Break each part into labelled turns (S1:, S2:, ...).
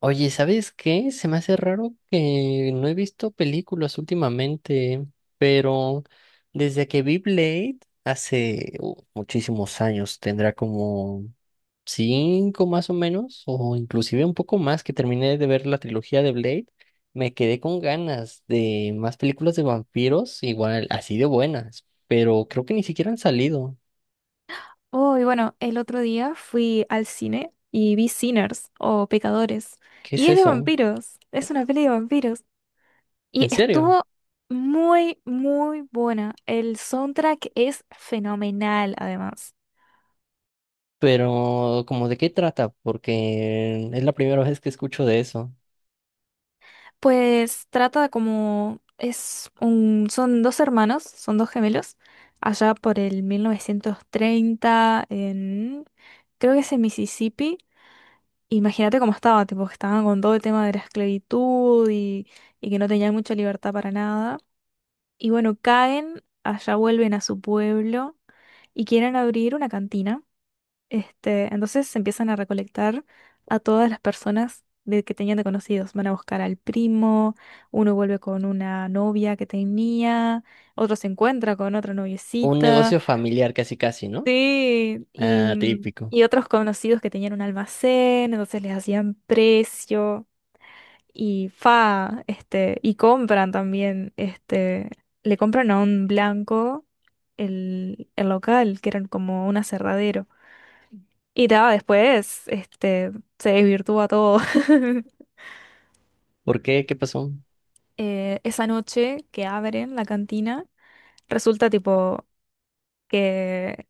S1: Oye, ¿sabes qué? Se me hace raro que no he visto películas últimamente, pero desde que vi Blade hace muchísimos años, tendrá como cinco más o menos, o inclusive un poco más, que terminé de ver la trilogía de Blade, me quedé con ganas de más películas de vampiros, igual así de buenas, pero creo que ni siquiera han salido.
S2: Oh, y bueno, el otro día fui al cine y vi Sinners o Pecadores.
S1: ¿Qué es
S2: Y es de
S1: eso?
S2: vampiros, es una peli de vampiros. Y
S1: ¿En serio?
S2: estuvo muy, muy buena. El soundtrack es fenomenal, además.
S1: Pero, ¿como de qué trata? Porque es la primera vez que escucho de eso.
S2: Pues trata como, son dos hermanos, son dos gemelos, allá por el 1930 creo que es en Mississippi. Imagínate cómo estaba, tipo, que estaban con todo el tema de la esclavitud y que no tenían mucha libertad para nada. Y bueno, caen, allá vuelven a su pueblo y quieren abrir una cantina. Entonces se empiezan a recolectar a todas las personas que tenían de conocidos. Van a buscar al primo, uno vuelve con una novia que tenía, otro se encuentra con otra
S1: Un
S2: noviecita.
S1: negocio familiar, casi casi, ¿no?
S2: Sí, y,
S1: Ah, típico.
S2: y otros conocidos que tenían un almacén, entonces les hacían precio y compran también, le compran a un blanco el local, que eran como un aserradero. Y después, se desvirtúa todo.
S1: ¿Por qué? ¿Qué pasó?
S2: Esa noche que abren la cantina, resulta tipo que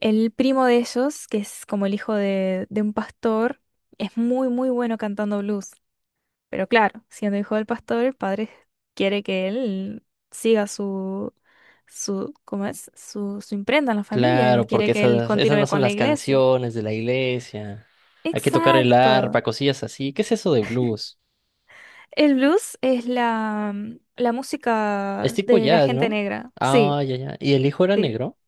S2: el primo de ellos, que es como el hijo de un pastor, es muy, muy bueno cantando blues. Pero claro, siendo hijo del pastor, el padre quiere que él siga su, ¿cómo es? Su imprenta en la familia. Él
S1: Claro,
S2: quiere
S1: porque
S2: que él
S1: esas
S2: continúe
S1: no son
S2: con la
S1: las
S2: iglesia.
S1: canciones de la iglesia. Hay que tocar el arpa,
S2: Exacto.
S1: cosillas así. ¿Qué es eso de blues?
S2: El blues es la
S1: Es
S2: música
S1: tipo
S2: de la
S1: jazz,
S2: gente
S1: ¿no?
S2: negra. Sí,
S1: Ah, ya, ya. ¿Y el hijo era
S2: sí,
S1: negro?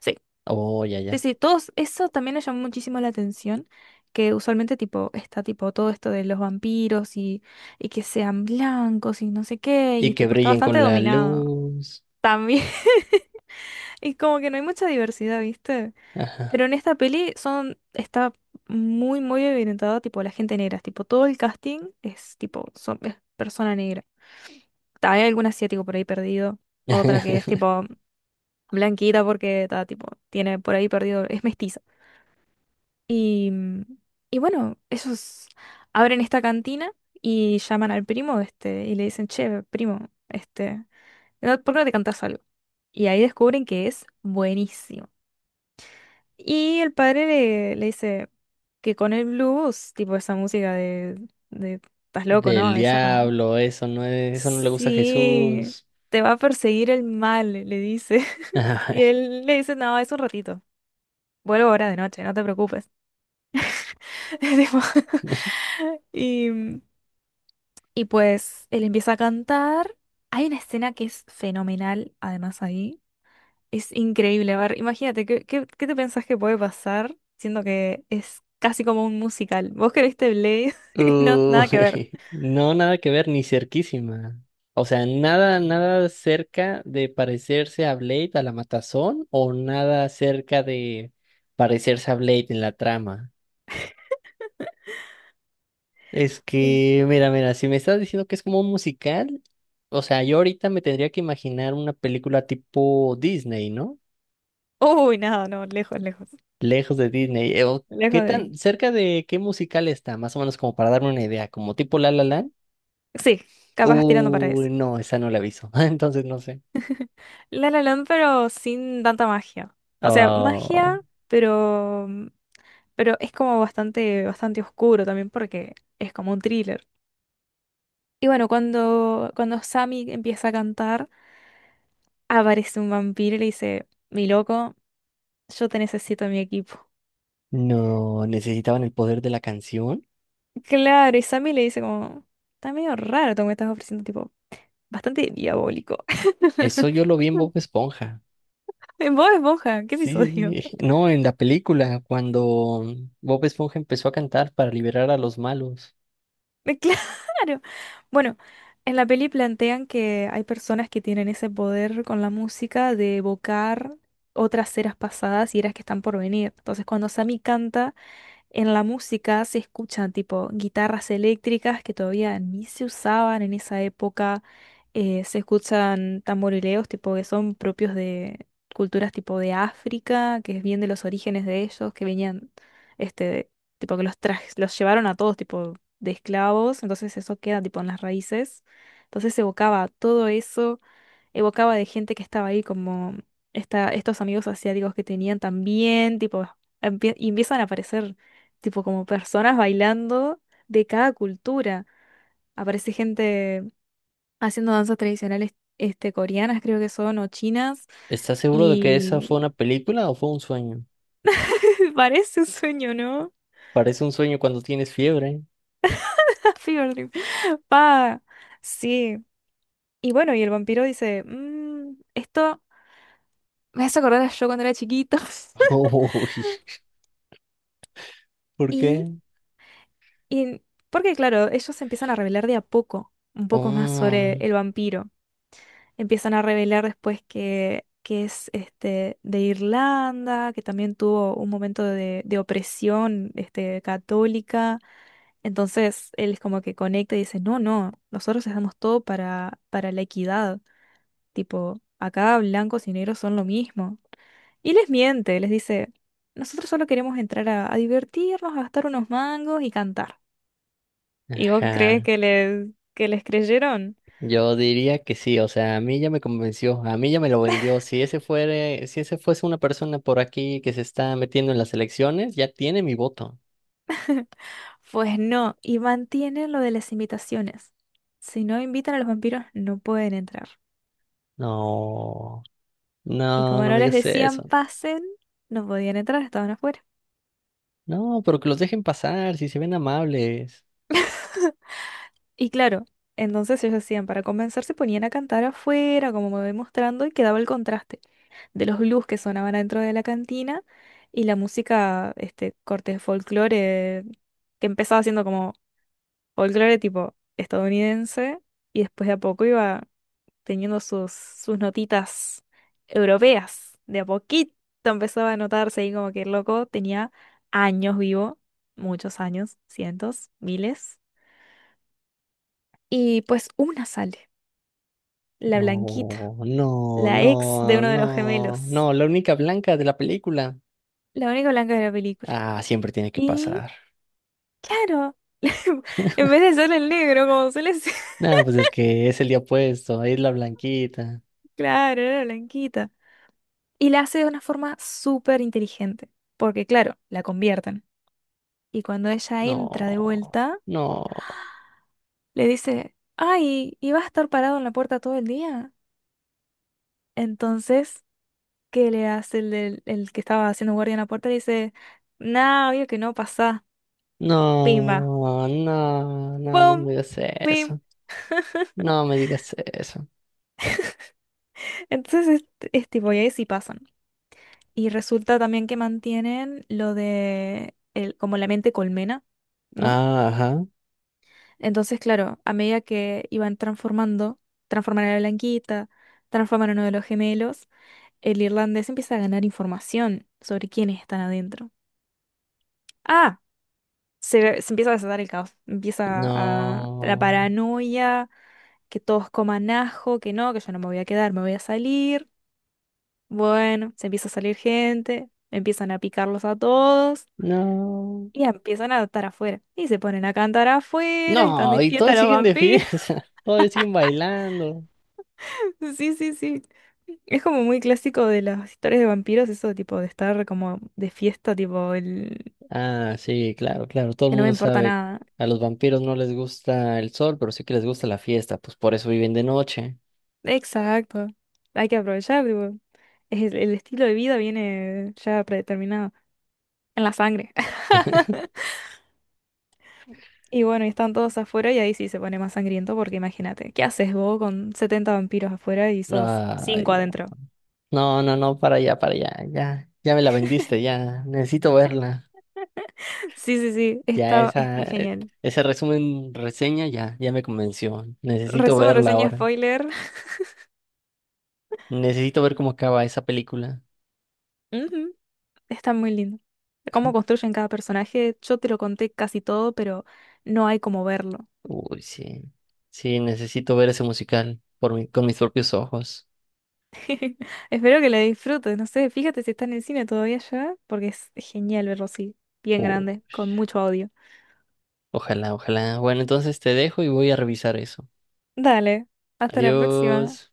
S2: sí.
S1: Oh, ya,
S2: Sí,
S1: ya.
S2: sí, todos, eso también me llamó muchísimo la atención, que usualmente tipo, está tipo todo esto de los vampiros y que sean blancos y no sé qué,
S1: Y
S2: y
S1: que
S2: tipo, está
S1: brillen
S2: bastante
S1: con la
S2: dominado
S1: luz.
S2: también. Y como que no hay mucha diversidad, ¿viste?
S1: Ajá.
S2: Pero en esta peli son, está muy, muy evidentada, tipo, la gente negra. Tipo, todo el casting es, tipo, son, es persona negra. Hay algún asiático por ahí perdido. Otra que es, tipo, blanquita porque está, tipo, tiene por ahí perdido, es mestiza. Y, y bueno, ellos abren esta cantina y llaman al primo, y le dicen, che, primo, ¿por qué no te cantas algo? Y ahí descubren que es buenísimo. Y el padre le dice que con el blues, tipo esa música de estás loco,
S1: Del
S2: ¿no? Eso no.
S1: diablo, eso no es, eso no le gusta a
S2: Sí,
S1: Jesús.
S2: te va a perseguir el mal, le dice. Y
S1: Ay.
S2: él le dice, no, es un ratito. Vuelvo ahora de noche, no te preocupes. Tipo, Y, mm, y pues él empieza a cantar. Hay una escena que es fenomenal, además ahí. Es increíble, a ver, imagínate, ¿qué te pensás que puede pasar siendo que es casi como un musical? ¿Vos que viste Blade? No, nada que ver.
S1: Uy, no, nada que ver, ni cerquísima. O sea, nada, nada cerca de parecerse a Blade a la matazón o nada cerca de parecerse a Blade en la trama. Es
S2: Sí.
S1: que, mira, mira, si me estás diciendo que es como un musical, o sea, yo ahorita me tendría que imaginar una película tipo Disney, ¿no?
S2: Uy, nada, no, lejos, lejos.
S1: Lejos de Disney. O ¿qué
S2: Lejos de
S1: tan
S2: ahí.
S1: cerca de qué musical está? Más o menos como para darme una idea, como tipo La La Land.
S2: Sí, capaz tirando para eso.
S1: Uy, no, esa no la aviso. Entonces no sé.
S2: La La Land, pero sin tanta magia. O sea,
S1: Oh,
S2: magia, pero, pero es como bastante, bastante oscuro también porque es como un thriller. Y bueno, cuando Sammy empieza a cantar, aparece un vampiro y le dice, mi loco. Yo te necesito en mi equipo.
S1: no, necesitaban el poder de la canción.
S2: Claro, y Sammy le dice como, está medio raro todo lo que estás ofreciendo, tipo, bastante diabólico.
S1: Eso yo lo vi en Bob Esponja.
S2: En Bob Esponja, ¿qué
S1: Sí,
S2: episodio?
S1: no, en la película, cuando Bob Esponja empezó a cantar para liberar a los malos.
S2: Claro. Bueno, en la peli plantean que hay personas que tienen ese poder con la música de evocar otras eras pasadas y eras que están por venir. Entonces, cuando Sammy canta. En la música se escuchan tipo guitarras eléctricas que todavía ni se usaban en esa época. Se escuchan tamborileos tipo que son propios de culturas tipo de África, que es bien de los orígenes de ellos, que venían, este, tipo que los trajes, los llevaron a todos tipo de esclavos, entonces eso queda tipo en las raíces. Entonces se evocaba todo eso, evocaba de gente que estaba ahí, como estos amigos asiáticos que tenían también, tipo, y empiezan a aparecer, tipo, como personas bailando de cada cultura. Aparece gente haciendo danzas tradicionales, coreanas, creo que son, o chinas,
S1: ¿Estás seguro de que esa fue
S2: y
S1: una película o fue un sueño?
S2: parece un sueño, ¿no?
S1: Parece un sueño cuando tienes fiebre.
S2: Fever dream. Pa, sí. Y bueno, y el vampiro dice, "Mm, esto me hace acordar a yo cuando era chiquito."
S1: Uy, ¿por
S2: Y
S1: qué?
S2: Y porque, claro, ellos empiezan a revelar de a poco, un poco más sobre
S1: Oh,
S2: el vampiro. Empiezan a revelar después que es de Irlanda, que también tuvo un momento de opresión, católica. Entonces él es como que conecta y dice, no, no, nosotros hacemos todo para, la equidad. Tipo, acá blancos y negros son lo mismo. Y les miente, les dice, nosotros solo queremos entrar a divertirnos, a gastar unos mangos y cantar. ¿Y vos crees
S1: ajá.
S2: que les creyeron?
S1: Yo diría que sí, o sea, a mí ya me convenció, a mí ya me lo vendió. Si ese fuere, si ese fuese una persona por aquí que se está metiendo en las elecciones, ya tiene mi voto.
S2: Pues no, y mantienen lo de las invitaciones. Si no invitan a los vampiros, no pueden entrar.
S1: No,
S2: Y
S1: no,
S2: como
S1: no
S2: no
S1: me
S2: les
S1: digas
S2: decían
S1: eso.
S2: pasen, no podían entrar, estaban afuera.
S1: No, pero que los dejen pasar, si se ven amables.
S2: Y claro, entonces ellos hacían, para compensar, se ponían a cantar afuera, como me voy mostrando, y quedaba el contraste de los blues que sonaban dentro de la cantina y la música, corte de folclore, que empezaba siendo como folclore tipo estadounidense, y después de a poco iba teniendo sus notitas europeas. De a poquito empezaba a notarse ahí como que el loco tenía años vivo, muchos años, cientos, miles. Y pues una sale, la
S1: No,
S2: Blanquita,
S1: no,
S2: la ex de
S1: no,
S2: uno de los
S1: no,
S2: gemelos,
S1: no, la única blanca de la película.
S2: la única blanca de la película.
S1: Ah, siempre tiene que
S2: Y
S1: pasar.
S2: claro, en vez de ser el negro, como suele ser,
S1: No, pues es que es el día puesto, es la blanquita.
S2: claro, era la Blanquita. Y la hace de una forma súper inteligente, porque claro, la convierten. Y cuando ella entra de
S1: No,
S2: vuelta,
S1: no.
S2: le dice, ay, ¿y vas a estar parado en la puerta todo el día? Entonces, ¿qué le hace el que estaba haciendo guardia en la puerta? Le dice, nah, obvio que no pasa, pimba,
S1: No, no, no, no
S2: pum,
S1: me digas
S2: pim.
S1: eso. No me digas eso.
S2: Entonces, es tipo, y ahí sí pasan. Y resulta también que mantienen lo de, como la mente colmena, ¿no?
S1: Ah, ajá.
S2: Entonces, claro, a medida que iban transformando, transforman a la Blanquita, transforman a uno de los gemelos, el irlandés empieza a ganar información sobre quiénes están adentro. Ah, se empieza a desatar el caos. Empieza a, la
S1: No,
S2: paranoia, que todos coman ajo, que no, que yo no me voy a quedar, me voy a salir. Bueno, se empieza a salir gente, empiezan a picarlos a todos
S1: no.
S2: y empiezan a estar afuera. Y se ponen a cantar afuera y están
S1: No,
S2: de
S1: y
S2: fiesta
S1: todos
S2: los
S1: siguen de
S2: vampiros.
S1: fiesta. Todos siguen bailando.
S2: Sí, sí, sí. Es como muy clásico de las historias de vampiros, eso tipo de estar como de fiesta, tipo
S1: Ah, sí, claro, claro. Todo el
S2: que no me
S1: mundo
S2: importa
S1: sabe.
S2: nada.
S1: A los vampiros no les gusta el sol, pero sí que les gusta la fiesta. Pues por eso viven de noche.
S2: Exacto. Hay que aprovechar, tipo, es el estilo de vida viene ya predeterminado en la sangre. Y bueno, y están todos afuera y ahí sí se pone más sangriento porque imagínate, ¿qué haces vos con 70 vampiros afuera y sos
S1: Ay,
S2: cinco
S1: no.
S2: adentro?
S1: No, no, no, para allá, para allá. Ya, ya me la vendiste, ya. Necesito verla.
S2: Sí, sí, sí,
S1: Ya
S2: es
S1: esa,
S2: muy genial.
S1: ese resumen, reseña, ya, ya me convenció. Necesito
S2: Resumen,
S1: verla
S2: reseña,
S1: ahora.
S2: spoiler.
S1: Necesito ver cómo acaba esa película.
S2: Ujú, está muy lindo. Cómo construyen cada personaje, yo te lo conté casi todo, pero no hay como verlo.
S1: Uy, sí. Sí, necesito ver ese musical por mi- con mis propios ojos.
S2: Espero que la disfrutes, no sé, fíjate si está en el cine todavía ya, porque es genial verlo así, bien
S1: Uh,
S2: grande, con mucho audio.
S1: ojalá, ojalá. Bueno, entonces te dejo y voy a revisar eso.
S2: Dale, hasta la próxima.
S1: Adiós.